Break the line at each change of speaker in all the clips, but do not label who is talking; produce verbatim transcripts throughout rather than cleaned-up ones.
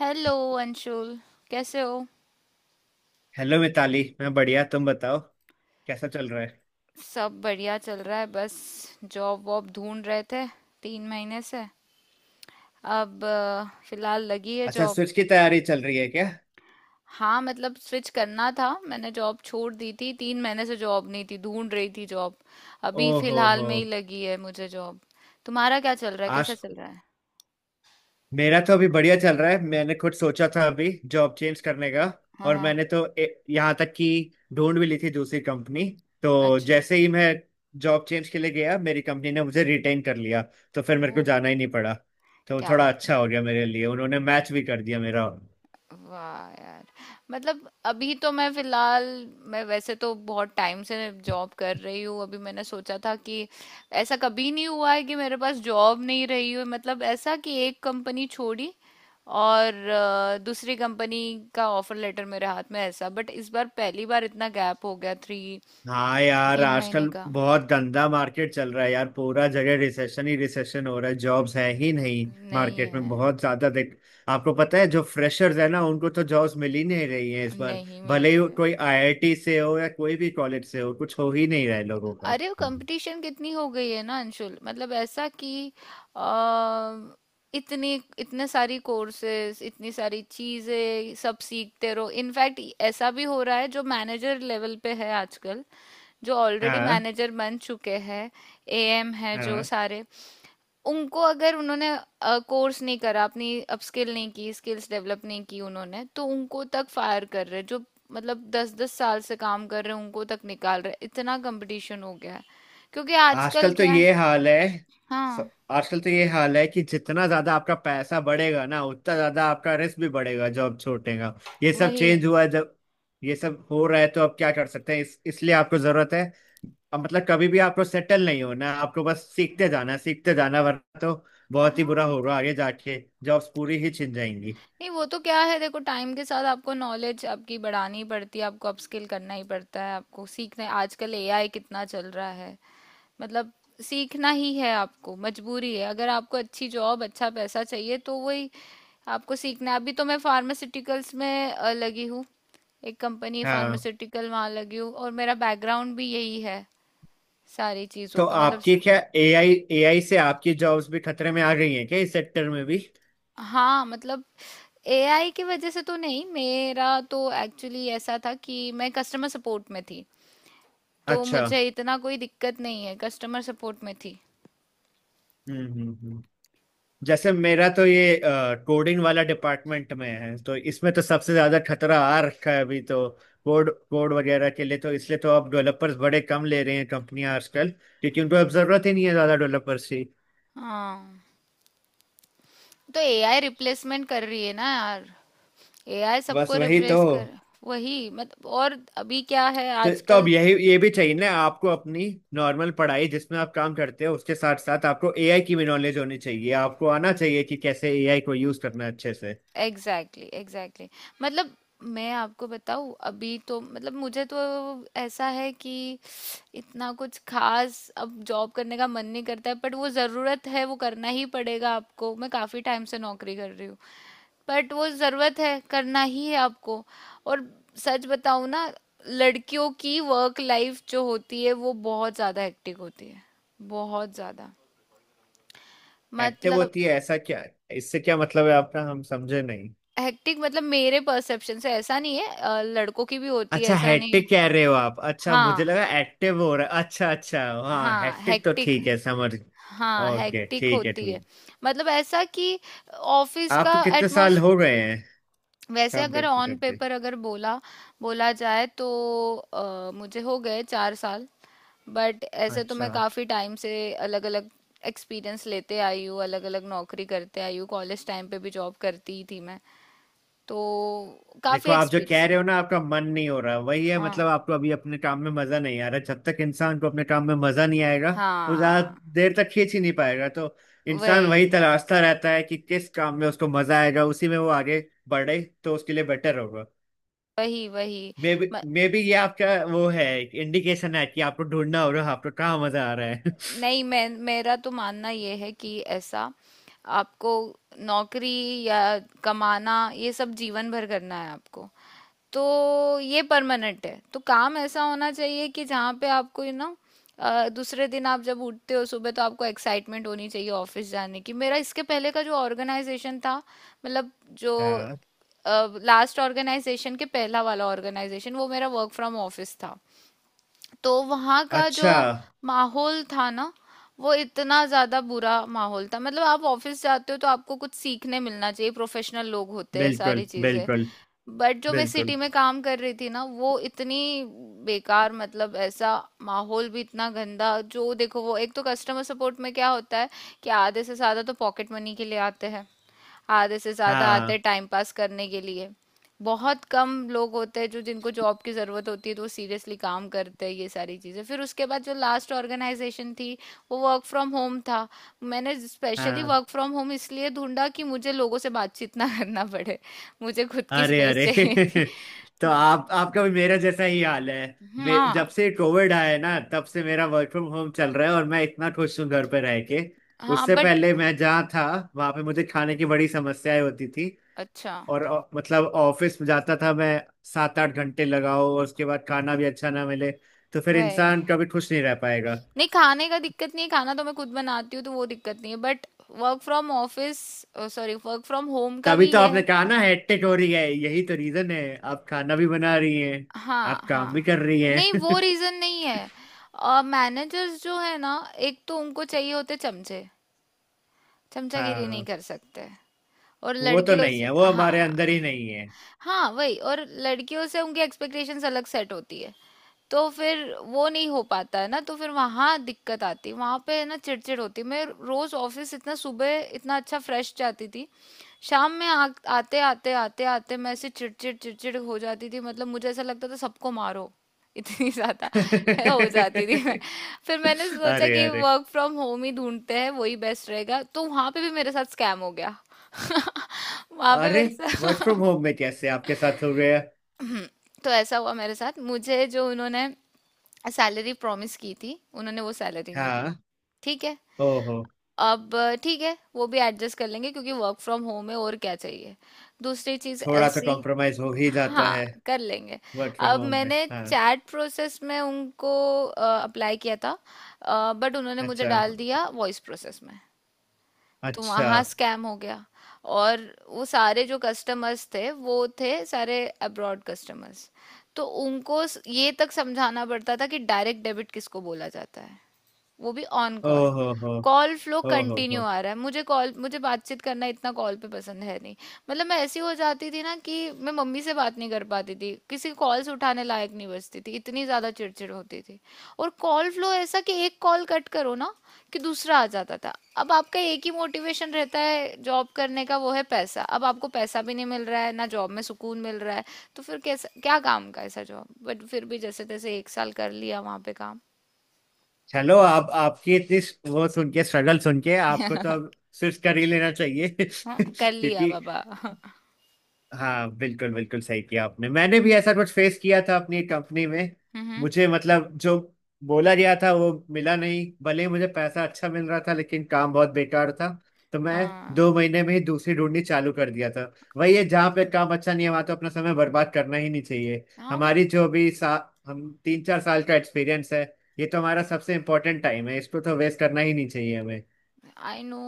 Hello Anshul. कैसे हो।
Hello Mitali. मैं बढ़िया। तुम बताओ कैसा चल रहा है।
सब बढ़िया चल रहा है। बस जॉब वॉब ढूंढ रहे थे तीन महीने से। अब अ, फिलहाल लगी है
अच्छा,
जॉब।
स्विच की तैयारी चल रही है क्या।
हाँ मतलब स्विच करना था, मैंने जॉब छोड़ दी थी। तीन महीने से जॉब नहीं थी, ढूंढ रही थी जॉब। अभी
ओहो
फिलहाल
हो।
में ही लगी है मुझे जॉब। तुम्हारा क्या चल रहा है, कैसा
आज
चल रहा है?
मेरा तो अभी बढ़िया चल रहा है। मैंने खुद सोचा था अभी जॉब चेंज करने का
हाँ,
और
हाँ।
मैंने तो ए, यहाँ तक कि ढूंढ भी ली थी दूसरी कंपनी। तो
अच्छा।
जैसे ही मैं जॉब चेंज के लिए गया, मेरी कंपनी ने मुझे रिटेन कर लिया। तो फिर मेरे को
ओह।
जाना ही नहीं पड़ा। तो
क्या
थोड़ा
बात है।
अच्छा हो गया मेरे लिए, उन्होंने मैच भी कर दिया मेरा।
वाह यार। मतलब अभी तो मैं फिलहाल, मैं वैसे तो बहुत टाइम से जॉब कर रही हूँ। अभी मैंने सोचा था कि ऐसा कभी नहीं हुआ है कि मेरे पास जॉब नहीं रही हो। मतलब ऐसा कि एक कंपनी छोड़ी और अ, दूसरी कंपनी का ऑफर लेटर मेरे हाथ में ऐसा। बट इस बार पहली बार इतना गैप हो गया, थ्री,
हाँ यार,
तीन महीने
आजकल
का।
बहुत गंदा मार्केट चल रहा है यार। पूरा जगह रिसेशन ही रिसेशन हो रहा है, जॉब्स है ही नहीं
नहीं
मार्केट में
है।
बहुत ज्यादा, देख। आपको पता है जो फ्रेशर्स है ना, उनको तो जॉब्स मिल ही नहीं रही है इस बार।
नहीं मिल
भले ही
रही
वो
है।
कोई आई आई टी से हो या कोई भी कॉलेज से हो, कुछ हो ही नहीं रहा है लोगों का।
अरे वो कंपटीशन कितनी हो गई है ना अंशुल। मतलब ऐसा कि अ, इतने इतने सारी कोर्सेज, इतनी सारी चीजें सब सीखते रहो। इनफैक्ट ऐसा भी हो रहा है, जो मैनेजर लेवल पे है आजकल, जो ऑलरेडी
हाँ,
मैनेजर बन चुके हैं, ए एम है जो
हाँ।
सारे, उनको अगर उन्होंने कोर्स नहीं करा, अपनी अपस्किल नहीं की, स्किल्स डेवलप नहीं की उन्होंने, तो उनको तक फायर कर रहे हैं। जो मतलब दस दस साल से काम कर रहे हैं, उनको तक निकाल रहे हैं। इतना कंपटीशन हो गया है। क्योंकि आजकल
आजकल तो
क्या है।
ये हाल है। स-
हाँ।
आजकल तो ये हाल है कि जितना ज्यादा आपका पैसा बढ़ेगा ना, उतना ज्यादा आपका रिस्क भी बढ़ेगा, जो अब छूटेगा। ये सब चेंज
वही।
हुआ है, जब ये सब हो रहा है तो अब क्या कर सकते हैं। इस इसलिए आपको जरूरत है। अब मतलब कभी भी आपको सेटल नहीं होना, आपको बस सीखते जाना सीखते जाना, वरना तो बहुत ही बुरा
हाँ।
होगा आगे जाके। जॉब्स पूरी ही छिन जाएंगी।
नहीं वो तो क्या है, देखो टाइम के साथ आपको नॉलेज आपकी बढ़ानी पड़ती है, आपको अपस्किल करना ही पड़ता है, आपको सीखना है। आजकल ए आई कितना चल रहा है। मतलब सीखना ही है आपको, मजबूरी है। अगर आपको अच्छी जॉब अच्छा पैसा चाहिए तो वही, आपको सीखना है। अभी तो मैं फार्मास्यूटिकल्स में अ, लगी हूँ। एक कंपनी है
हाँ।
फार्मास्यूटिकल, वहाँ लगी हूँ। और मेरा बैकग्राउंड भी यही है, सारी चीज़ों
तो
का मतलब।
आपकी क्या एआई एआई से आपकी जॉब्स भी खतरे में आ गई हैं क्या, इस सेक्टर में भी।
हाँ मतलब ए आई की वजह से तो नहीं। मेरा तो एक्चुअली ऐसा था कि मैं कस्टमर सपोर्ट में थी, तो
अच्छा।
मुझे इतना कोई दिक्कत नहीं है, कस्टमर सपोर्ट में थी।
हम्म, हम्म, हम्म। जैसे मेरा तो ये कोडिंग वाला डिपार्टमेंट में है, तो इसमें तो सबसे ज्यादा खतरा आ रखा है अभी तो। कोड कोड वगैरह के लिए, तो इसलिए तो अब डेवलपर्स बड़े कम ले रहे हैं कंपनियां आजकल। क्योंकि उनको अब जरूरत ही नहीं है ज्यादा डेवलपर्स की।
हाँ तो ए आई रिप्लेसमेंट कर रही है ना यार। ए आई
बस
सबको
वही तो।
रिप्लेस कर। वही मतलब, और अभी क्या है
तो, तो अब
आजकल।
यही ये भी चाहिए ना आपको, अपनी नॉर्मल पढ़ाई जिसमें आप काम करते हो उसके साथ साथ आपको ए आई की भी नॉलेज होनी चाहिए। आपको आना चाहिए कि कैसे ए आई को यूज करना है अच्छे से।
Exactly, exactly. मतलब मैं आपको बताऊं, अभी तो मतलब मुझे तो ऐसा है कि इतना कुछ खास अब जॉब करने का मन नहीं करता है। बट वो ज़रूरत है, वो करना ही पड़ेगा आपको। मैं काफ़ी टाइम से नौकरी कर रही हूँ, बट वो ज़रूरत है, करना ही है आपको। और सच बताऊं ना, लड़कियों की वर्क लाइफ जो होती है वो बहुत ज़्यादा हेक्टिक होती है, बहुत ज़्यादा।
एक्टिव
मतलब।
होती है ऐसा क्या। इससे क्या मतलब है आपका, हम समझे नहीं।
हेक्टिक मतलब मेरे परसेप्शन से ऐसा नहीं है, अ, लड़कों की भी होती है,
अच्छा,
ऐसा नहीं है।
हैट्रिक कह रहे हो आप। अच्छा, मुझे
हाँ,
लगा एक्टिव हो रहा है। अच्छा अच्छा, हाँ,
हाँ,
हैट्रिक तो
हेक्टिक।
ठीक है, समझ।
हाँ,
ओके
हेक्टिक
ठीक है,
होती है।
ठीक।
मतलब ऐसा कि ऑफिस
आप
का
कितने साल
एटमोस,
हो गए हैं
वैसे
काम
अगर
करते
ऑन
करते।
पेपर अगर बोला बोला जाए तो अ, मुझे हो गए चार साल। बट ऐसे तो
अच्छा।
मैं काफी टाइम से अलग अलग एक्सपीरियंस लेते आई हूँ, अलग अलग नौकरी करते आई हूँ। कॉलेज टाइम पे भी जॉब करती ही थी मैं, तो काफी
देखो, आप जो
एक्सपीरियंस
कह रहे
है।
हो ना, आपका मन नहीं हो रहा, वही है मतलब।
हाँ,
आपको अभी अपने काम में मजा नहीं आ रहा, जब तक इंसान को अपने काम में मजा नहीं आएगा वो ज्यादा
हाँ।
देर तक खींच ही नहीं पाएगा। तो
वही,
इंसान वही तलाशता रहता है कि किस काम में उसको मजा आएगा, उसी में वो आगे बढ़े तो उसके लिए बेटर होगा।
वही, वही।
मे बी
म,
मे बी ये आपका वो है, इंडिकेशन है कि आपको ढूंढना हो रहा है आपको कहाँ मजा आ रहा है।
नहीं, मैं मेरा तो मानना ये है कि ऐसा, आपको नौकरी या कमाना ये सब जीवन भर करना है आपको। तो ये परमानेंट है, तो काम ऐसा होना चाहिए कि जहाँ पे आपको यू नो दूसरे दिन आप जब उठते हो सुबह तो आपको एक्साइटमेंट होनी चाहिए ऑफिस जाने की। मेरा इसके पहले का जो ऑर्गेनाइजेशन था, मतलब जो
हाँ।
लास्ट ऑर्गेनाइजेशन के पहला वाला ऑर्गेनाइजेशन, वो मेरा वर्क फ्रॉम ऑफिस था। तो वहाँ का जो
अच्छा।
माहौल था ना, वो इतना ज़्यादा बुरा माहौल था। मतलब आप ऑफिस जाते हो तो आपको कुछ सीखने मिलना चाहिए, प्रोफेशनल लोग होते हैं, सारी
बिल्कुल,
चीज़ें।
बिल्कुल,
बट जो मैं
बिल्कुल।
सिटी में काम कर रही थी ना, वो इतनी बेकार, मतलब ऐसा, माहौल भी इतना गंदा। जो देखो, वो एक तो कस्टमर सपोर्ट में क्या होता है कि आधे से ज़्यादा तो पॉकेट मनी के लिए आते हैं, आधे से ज्यादा आते
हाँ,
हैं टाइम पास करने के लिए, बहुत कम लोग होते हैं जो, जिनको जॉब की जरूरत होती है तो वो सीरियसली काम करते हैं, ये सारी चीजें। फिर उसके बाद जो लास्ट ऑर्गेनाइजेशन थी, वो वर्क फ्रॉम होम था। मैंने स्पेशली
हाँ।
वर्क फ्रॉम होम इसलिए ढूंढा कि मुझे लोगों से बातचीत ना करना पड़े। मुझे खुद की
अरे,
स्पेस
अरे।
चाहिए थी।
तो आप आपका भी मेरा जैसा ही हाल है। मे,
हाँ,
जब से कोविड आया है ना, तब से मेरा वर्क फ्रॉम होम चल रहा है और मैं इतना खुश हूँ घर पे रह के।
हाँ।
उससे
बट
पहले मैं जहाँ था, वहां पे मुझे खाने की बड़ी समस्याएं होती थी
अच्छा,
और अ, मतलब ऑफिस में जाता था मैं। सात आठ घंटे लगाओ और उसके बाद खाना भी अच्छा ना मिले, तो फिर
वही।
इंसान कभी खुश नहीं रह पाएगा।
नहीं खाने का दिक्कत नहीं है, खाना तो मैं खुद बनाती हूँ, तो वो दिक्कत नहीं है। But work from office, sorry, work from home का
तभी
भी
तो
ये
आपने
है।
कहा ना हेक्टिक हो रही है। यही तो रीजन है, आप खाना भी बना रही हैं,
हाँ,
आप काम भी
हाँ।
कर रही
नहीं वो
हैं।
रीजन नहीं है। मैनेजर्स जो है ना, एक तो उनको चाहिए होते चमचे, चमचागिरी नहीं
हाँ,
कर सकते, और
वो तो
लड़कियों
नहीं
से,
है, वो हमारे अंदर
हाँ।
ही नहीं है।
हाँ वही, और लड़कियों से उनकी एक्सपेक्टेशंस अलग सेट होती है। तो फिर वो नहीं हो पाता है ना, तो फिर वहाँ दिक्कत आती है, वहाँ पे है ना चिड़चिड़ होती है। मैं रोज ऑफिस इतना सुबह इतना अच्छा फ्रेश जाती थी, शाम में आ, आते आते आते आते मैं ऐसे चिड़चिड़ चिड़चिड़ हो जाती थी। मतलब मुझे ऐसा लगता था सबको मारो, इतनी ज्यादा है, हो जाती थी मैं। फिर मैंने सोचा
अरे,
कि
अरे,
वर्क फ्रॉम होम ही ढूंढते हैं, वही बेस्ट रहेगा। तो वहां पे भी मेरे साथ स्कैम हो गया। वहाँ पे
अरे।
मेरे
वर्क फ्रॉम
साथ।
होम में कैसे आपके साथ हो गया।
तो ऐसा हुआ मेरे साथ, मुझे जो उन्होंने सैलरी प्रॉमिस की थी, उन्होंने वो सैलरी नहीं दी।
हाँ।
ठीक है।
ओहो,
अब ठीक है, वो भी एडजस्ट कर लेंगे, क्योंकि वर्क फ्रॉम होम है, और क्या चाहिए। दूसरी चीज
थोड़ा तो
ऐसी।
कॉम्प्रोमाइज हो ही जाता
हाँ
है
कर लेंगे।
वर्क फ्रॉम
अब
होम में,
मैंने
हाँ।
चैट प्रोसेस में उनको अप्लाई किया था, बट उन्होंने मुझे
अच्छा,
डाल दिया वॉइस प्रोसेस में, तो
अच्छा।
वहाँ स्कैम हो गया। और वो सारे जो कस्टमर्स थे वो थे सारे अब्रॉड कस्टमर्स, तो उनको स- ये तक समझाना पड़ता था कि डायरेक्ट डेबिट किसको बोला जाता है, वो भी ऑन कॉल।
ओहो हो।
कॉल फ्लो
ओहो
कंटिन्यू
हो।
आ रहा है, मुझे कॉल, मुझे बातचीत करना इतना कॉल पे पसंद है नहीं। मतलब मैं ऐसी हो जाती थी ना कि मैं मम्मी से बात नहीं कर पाती थी, किसी की कॉल्स उठाने लायक नहीं बचती थी, इतनी ज़्यादा चिड़चिड़ होती थी। और कॉल फ्लो ऐसा कि एक कॉल कट करो ना कि दूसरा आ जाता था। अब आपका एक ही मोटिवेशन रहता है जॉब करने का, वो है पैसा। अब आपको पैसा भी नहीं मिल रहा है, ना जॉब में सुकून मिल रहा है, तो फिर कैसा क्या काम का ऐसा जॉब। बट फिर भी जैसे तैसे एक साल कर लिया वहाँ पे काम।
चलो, आप आपकी इतनी स- वो सुन के, स्ट्रगल सुन के आपको तो अब स्विच कर ही लेना चाहिए।
हाँ कर लिया
क्योंकि।
बाबा।
हाँ, बिल्कुल बिल्कुल सही किया आपने, मैंने भी ऐसा कुछ फेस किया था अपनी कंपनी में।
हम्म।
मुझे मतलब जो बोला गया था वो मिला नहीं, भले ही मुझे पैसा अच्छा मिल रहा था लेकिन काम बहुत बेकार था। तो मैं दो
हाँ,
महीने में ही दूसरी ढूंढनी चालू कर दिया था। वही है, जहाँ पे काम अच्छा नहीं है वहाँ तो अपना समय बर्बाद करना ही नहीं चाहिए।
हाँ वो।
हमारी जो भी सा हम तीन चार साल का एक्सपीरियंस है। ये तो हमारा सबसे इम्पोर्टेंट टाइम है, इसको तो वेस्ट करना ही नहीं चाहिए हमें।
आई नो,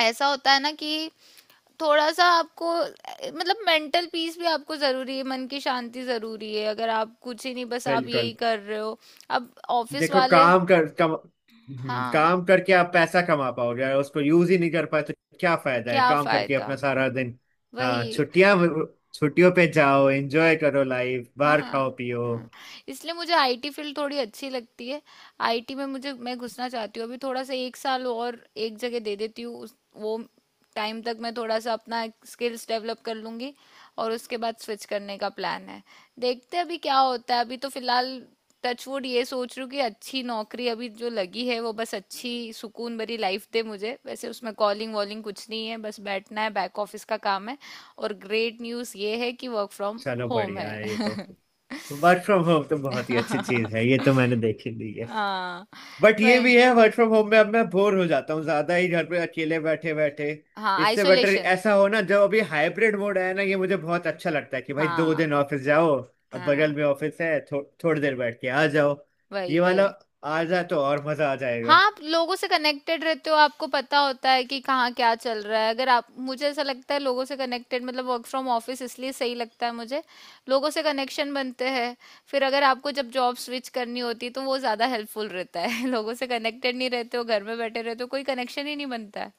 ऐसा होता है ना कि थोड़ा सा आपको अ, मतलब मेंटल पीस भी आपको जरूरी है, मन की शांति जरूरी है। अगर आप कुछ ही नहीं, बस आप यही
बिल्कुल।
कर रहे हो। अब ऑफिस
देखो
वाले।
काम कर कम, हम्म,
हाँ।
काम करके आप पैसा कमा पाओगे, अगर उसको यूज ही नहीं कर पाए तो क्या फायदा है
क्या
काम करके
फायदा।
अपना सारा दिन। हाँ
वही।
छुट्टियां, छुट्टियों पे जाओ एंजॉय करो लाइफ,
हाँ,
बाहर खाओ पियो।
हाँ। इसलिए मुझे आई टी फील्ड थोड़ी अच्छी लगती है। आई टी में मुझे, मैं घुसना चाहती हूँ। अभी थोड़ा सा एक साल और, एक जगह दे देती हूँ उस, वो टाइम तक मैं थोड़ा सा अपना स्किल्स डेवलप कर लूँगी। और उसके बाद स्विच करने का प्लान है। देखते हैं अभी क्या होता है। अभी तो फिलहाल टचवुड ये सोच रही हूँ कि अच्छी नौकरी अभी जो लगी है वो बस अच्छी सुकून भरी लाइफ दे मुझे। वैसे उसमें कॉलिंग वॉलिंग कुछ नहीं है, बस बैठना है, बैक ऑफिस का काम है। और ग्रेट न्यूज़ ये है कि वर्क फ्रॉम
चलो
होम
बढ़िया है ये तो।
है।
वर्क फ्रॉम होम तो बहुत ही अच्छी चीज है, ये तो मैंने देखी ली है।
हाँ
बट ये
वही।
भी है, वर्क फ्रॉम होम में अब मैं बोर हो जाता हूँ ज्यादा ही घर पे अकेले बैठे बैठे।
हाँ,
इससे बेटर
आइसोलेशन।
ऐसा हो ना, जब अभी हाइब्रिड मोड आया ना, ये मुझे बहुत अच्छा लगता है कि भाई दो
हाँ,
दिन ऑफिस जाओ। अब
हाँ।
बगल में ऑफिस है, थो, थोड़ी देर बैठ के आ जाओ।
वही,
ये वाला
वही।
आ जाए तो और मजा आ
हाँ
जाएगा।
आप लोगों से कनेक्टेड रहते हो, आपको पता होता है कि कहाँ क्या चल रहा है। अगर आप, मुझे ऐसा लगता है लोगों से कनेक्टेड मतलब वर्क फ्रॉम ऑफिस इसलिए सही लगता है मुझे, लोगों से कनेक्शन बनते हैं। फिर अगर आपको जब जॉब स्विच करनी होती है तो वो ज़्यादा हेल्पफुल रहता है। लोगों से कनेक्टेड नहीं रहते हो, घर में बैठे रहते हो, कोई कनेक्शन ही नहीं बनता है।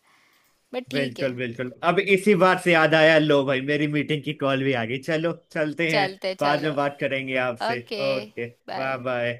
बट ठीक
बिल्कुल
है।
बिल्कुल, अब इसी बात से याद आया, लो भाई मेरी मीटिंग की कॉल भी आ गई। चलो चलते हैं।
चलते
बाद
चलो।
में बात करेंगे आपसे।
Okay.
Okay.
Bye.
Bye bye.